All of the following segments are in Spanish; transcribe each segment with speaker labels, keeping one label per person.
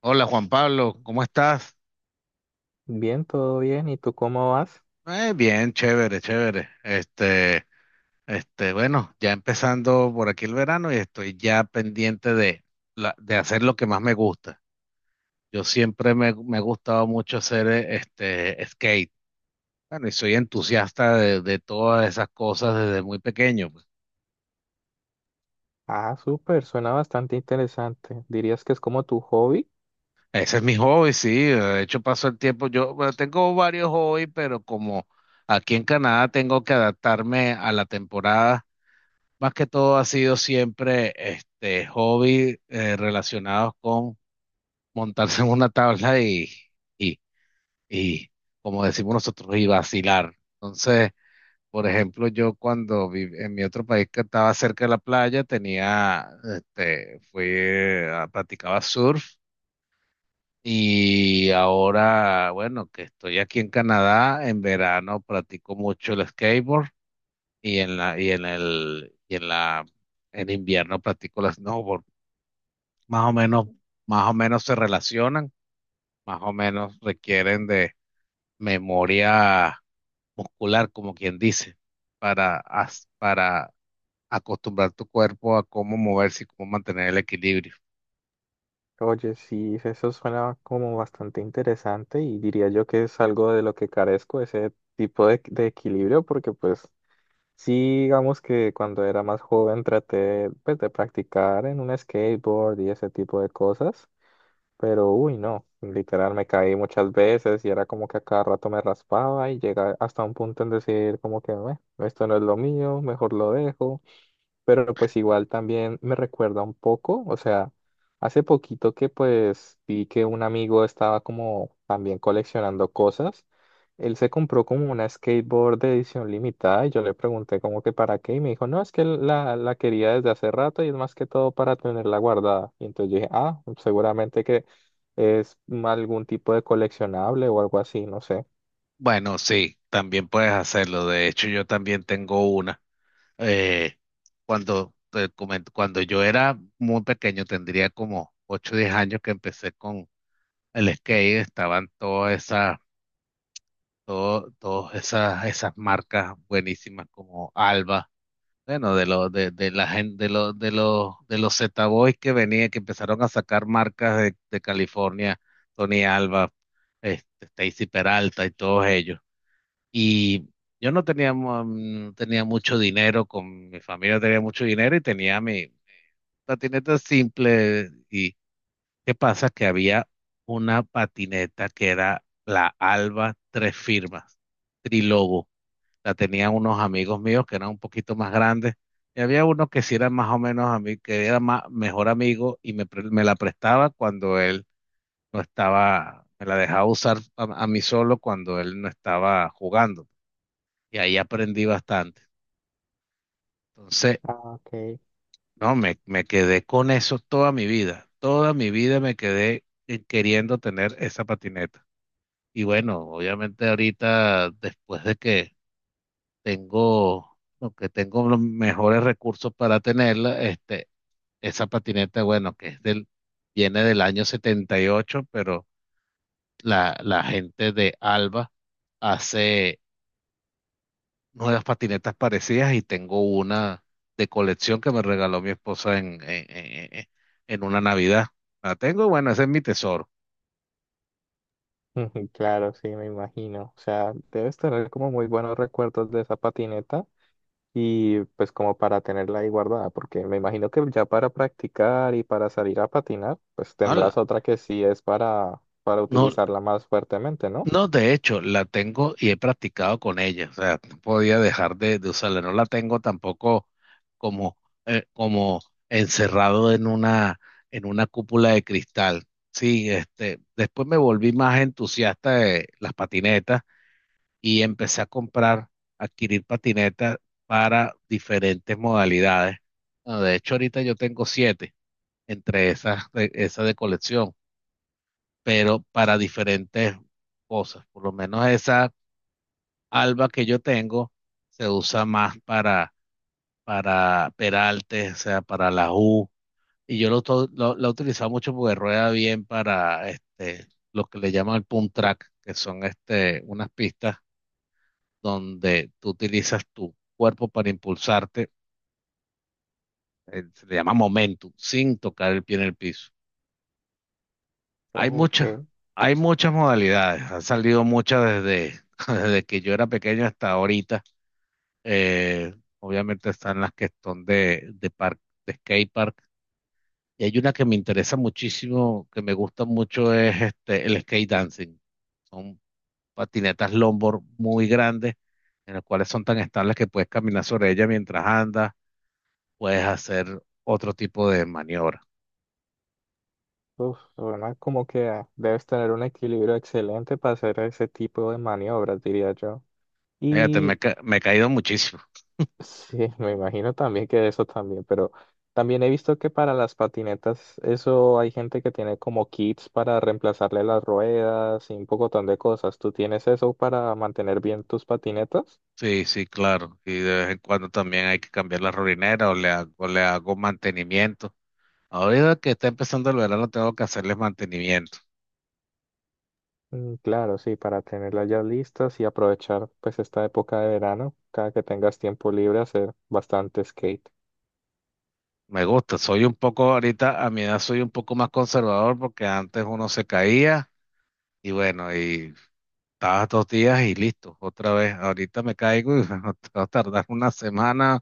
Speaker 1: Hola Juan Pablo, ¿cómo estás?
Speaker 2: Bien, todo bien. ¿Y tú cómo vas?
Speaker 1: Bien, chévere, chévere. Bueno, ya empezando por aquí el verano y estoy ya pendiente de hacer lo que más me gusta. Yo siempre me ha gustado mucho hacer este skate. Bueno, y soy entusiasta de todas esas cosas desde muy pequeño, pues.
Speaker 2: Ah, súper, suena bastante interesante. ¿Dirías que es como tu hobby?
Speaker 1: Ese es mi hobby, sí. De hecho, paso el tiempo. Yo, bueno, tengo varios hobbies, pero como aquí en Canadá tengo que adaptarme a la temporada. Más que todo ha sido siempre este hobby, relacionados con montarse en una tabla y, y, como decimos nosotros, y vacilar. Entonces, por ejemplo, yo cuando viví en mi otro país que estaba cerca de la playa, tenía, este, fui, a- practicaba surf. Y ahora, bueno, que estoy aquí en Canadá, en verano practico mucho el skateboard y en la, y en el, y en la en invierno practico las snowboard. Más o menos, más o menos se relacionan, más o menos requieren de memoria muscular, como quien dice, para acostumbrar tu cuerpo a cómo moverse y cómo mantener el equilibrio.
Speaker 2: Oye, sí, eso suena como bastante interesante y diría yo que es algo de lo que carezco, ese tipo de equilibrio, porque pues sí, digamos que cuando era más joven traté pues de practicar en un skateboard y ese tipo de cosas, pero, uy, no, literal me caí muchas veces y era como que a cada rato me raspaba y llega hasta un punto en decir como que, "Meh, esto no es lo mío, mejor lo dejo". Pero pues igual también me recuerda un poco, o sea, hace poquito que pues vi que un amigo estaba como también coleccionando cosas, él se compró como una skateboard de edición limitada y yo le pregunté como que para qué y me dijo, no, es que la quería desde hace rato y es más que todo para tenerla guardada. Y entonces yo dije, ah, seguramente que es algún tipo de coleccionable o algo así, no sé.
Speaker 1: Bueno, sí, también puedes hacerlo. De hecho, yo también tengo una. Eh, Cuando, te comento, cuando yo era muy pequeño, tendría como 8 o 10 años, que empecé con el skate. Estaban todas esas todo- todas esas, esas marcas buenísimas como Alba, bueno, de la gente de los Zeta Boys que venían, que empezaron a sacar marcas de California, Tony Alba, este, Stacy Peralta y todos ellos. Y yo no tenía mucho dinero. Con mi familia tenía mucho dinero y tenía mi patineta simple. ¿Y qué pasa? Que había una patineta que era la Alba Tres Firmas, Trilobo. La tenían unos amigos míos que eran un poquito más grandes, y había uno que sí era más o menos a mí, que era mejor amigo y me la prestaba cuando él no estaba. Me la dejaba usar a mí solo cuando él no estaba jugando, y ahí aprendí bastante. Entonces,
Speaker 2: Ah, ok.
Speaker 1: no, me quedé con eso toda mi vida. Toda mi vida me quedé queriendo tener esa patineta. Y bueno, obviamente ahorita, después de que tengo, aunque tengo los mejores recursos para tenerla, este, esa patineta, bueno, viene del año setenta y ocho. Pero la gente de Alba hace nuevas patinetas parecidas y tengo una de colección que me regaló mi esposa en una Navidad. La tengo, bueno, ese es mi tesoro.
Speaker 2: Ujú, claro, sí, me imagino. O sea, debes tener como muy buenos recuerdos de esa patineta y pues como para tenerla ahí guardada, porque me imagino que ya para practicar y para salir a patinar, pues
Speaker 1: No,
Speaker 2: tendrás otra que sí es para
Speaker 1: no,
Speaker 2: utilizarla más fuertemente, ¿no?
Speaker 1: no, de hecho, la tengo y he practicado con ella. O sea, no podía dejar de usarla. No la tengo tampoco como, como encerrado en una cúpula de cristal. Sí, este, después me volví más entusiasta de las patinetas y empecé a adquirir patinetas para diferentes modalidades. Bueno, de hecho, ahorita yo tengo siete entre esas, esas de colección, pero para diferentes cosas. Por lo menos esa Alba que yo tengo se usa más para Peralte, o sea, para la U. Y yo lo, to- lo, la he utilizado mucho porque rueda bien para este, lo que le llaman el pump track, que son este, unas pistas donde tú utilizas tu cuerpo para impulsarte. Se le llama momentum, sin tocar el pie en el piso. Hay
Speaker 2: Ok.
Speaker 1: muchas, Hay muchas modalidades. Han salido muchas desde que yo era pequeño hasta ahorita. Eh, Obviamente están las que son de park, de skate park. Y hay una que me interesa muchísimo, que me gusta mucho, es este, el skate dancing. Son patinetas longboard muy grandes, en las cuales son tan estables que puedes caminar sobre ellas mientras andas, puedes hacer otro tipo de maniobra.
Speaker 2: Uf, suena como que debes tener un equilibrio excelente para hacer ese tipo de maniobras, diría yo.
Speaker 1: Fíjate,
Speaker 2: Y
Speaker 1: me he caído muchísimo.
Speaker 2: sí, me imagino también que eso también, pero también he visto que para las patinetas, eso hay gente que tiene como kits para reemplazarle las ruedas y un pocotón de cosas. ¿Tú tienes eso para mantener bien tus patinetas?
Speaker 1: Sí, sí, claro. Y de vez en cuando también hay que cambiar la rolinera o le hago mantenimiento. Ahorita que está empezando el verano tengo que hacerles mantenimiento.
Speaker 2: Mm, claro, sí, para tenerlas ya listas y aprovechar pues esta época de verano, cada que tengas tiempo libre, hacer bastante skate.
Speaker 1: Me gusta, soy un poco, ahorita a mi edad soy un poco más conservador porque antes uno se caía y bueno, y estabas 2 días y listo, otra vez. Ahorita me caigo y va a tardar una semana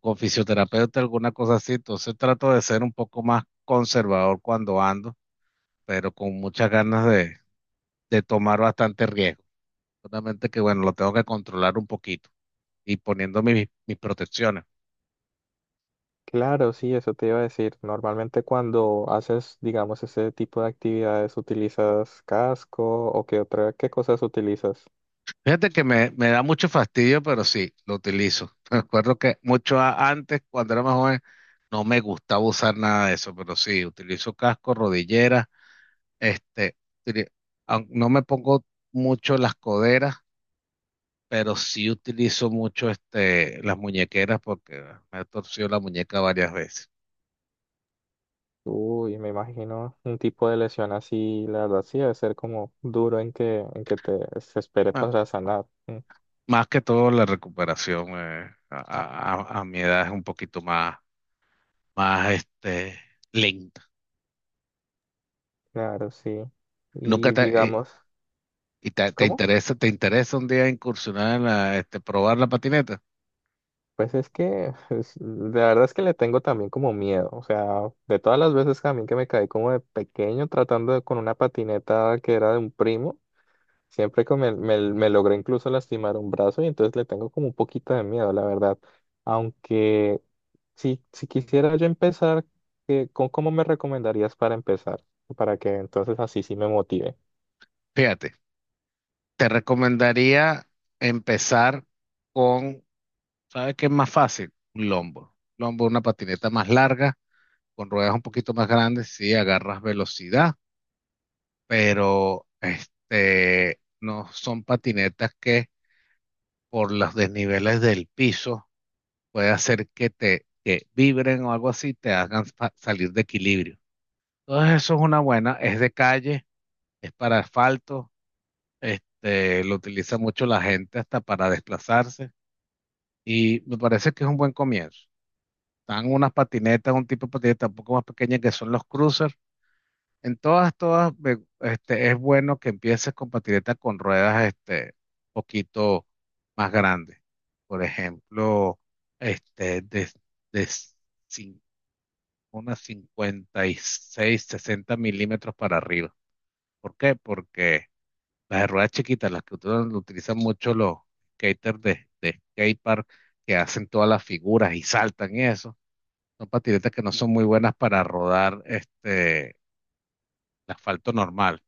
Speaker 1: con fisioterapeuta, alguna cosa así. Entonces trato de ser un poco más conservador cuando ando, pero con muchas ganas de tomar bastante riesgo. Solamente que bueno, lo tengo que controlar un poquito y poniendo mis protecciones.
Speaker 2: Claro, sí, eso te iba a decir. Normalmente cuando haces, digamos, ese tipo de actividades, ¿utilizas casco o qué otra, qué cosas utilizas?
Speaker 1: Fíjate que me da mucho fastidio, pero sí, lo utilizo. Me acuerdo que mucho antes, cuando era más joven, no me gustaba usar nada de eso, pero sí, utilizo casco, rodillera, este, utili- no me pongo mucho las coderas, pero sí utilizo mucho este, las muñequeras porque me he torcido la muñeca varias veces.
Speaker 2: Uy, me imagino un tipo de lesión así, la verdad sí debe ser como duro en que te se espere
Speaker 1: Ah,
Speaker 2: para sanar. Mm,
Speaker 1: más que todo la recuperación a mi edad es un poquito más este, lenta.
Speaker 2: claro, sí.
Speaker 1: Nunca
Speaker 2: Y
Speaker 1: te,
Speaker 2: digamos,
Speaker 1: ¿Y
Speaker 2: ¿cómo?
Speaker 1: te interesa un día incursionar en probar la patineta?
Speaker 2: Pues es que la verdad es que le tengo también como miedo. O sea, de todas las veces también que me caí como de pequeño tratando con una patineta que era de un primo, siempre que me logré incluso lastimar un brazo y entonces le tengo como un poquito de miedo, la verdad. Aunque si, si quisiera yo empezar, ¿con cómo me recomendarías para empezar? Para que entonces así sí me motive.
Speaker 1: Fíjate, te recomendaría empezar con, ¿sabes qué es más fácil? Un lombo. Lombo, una patineta más larga, con ruedas un poquito más grandes. Sí, agarras velocidad, pero este, no son patinetas que por los desniveles del piso puede hacer que te que vibren o algo así, te hagan salir de equilibrio. Entonces eso es una buena, es de calle, es para asfalto. Este, lo utiliza mucho la gente hasta para desplazarse y me parece que es un buen comienzo. Están unas patinetas, un tipo de patineta un poco más pequeña que son los cruisers. En es bueno que empieces con patinetas con ruedas, este, poquito más grandes. Por ejemplo, este, de cin- unas 56-60 mm para arriba. ¿Por qué? Porque las de ruedas chiquitas, las que utilizan mucho los skaters de skatepark que hacen todas las figuras y saltan y eso. Son patinetas que no son muy buenas para rodar este, el asfalto normal.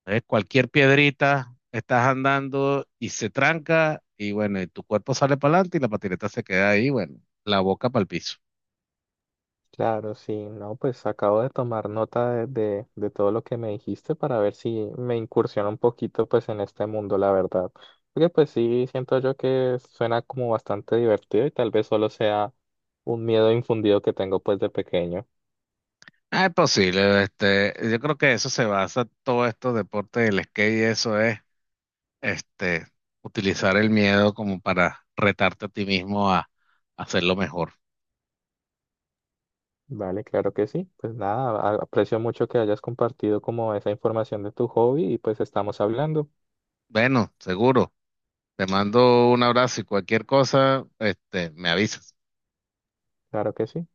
Speaker 1: Entonces, cualquier piedrita, estás andando y se tranca y bueno, y tu cuerpo sale para adelante y la patineta se queda ahí, bueno, la boca para el piso.
Speaker 2: Claro, sí, no, pues acabo de tomar nota de todo lo que me dijiste para ver si me incursiona un poquito pues en este mundo, la verdad. Porque pues sí, siento yo que suena como bastante divertido y tal vez solo sea un miedo infundido que tengo pues de pequeño.
Speaker 1: Ah, es posible, este, yo creo que eso se basa todo esto deporte del skate y eso es este, utilizar el miedo como para retarte a ti mismo a hacerlo mejor.
Speaker 2: Vale, claro que sí. Pues nada, aprecio mucho que hayas compartido como esa información de tu hobby y pues estamos hablando.
Speaker 1: Bueno, seguro. Te mando un abrazo y cualquier cosa, este, me avisas.
Speaker 2: Claro que sí.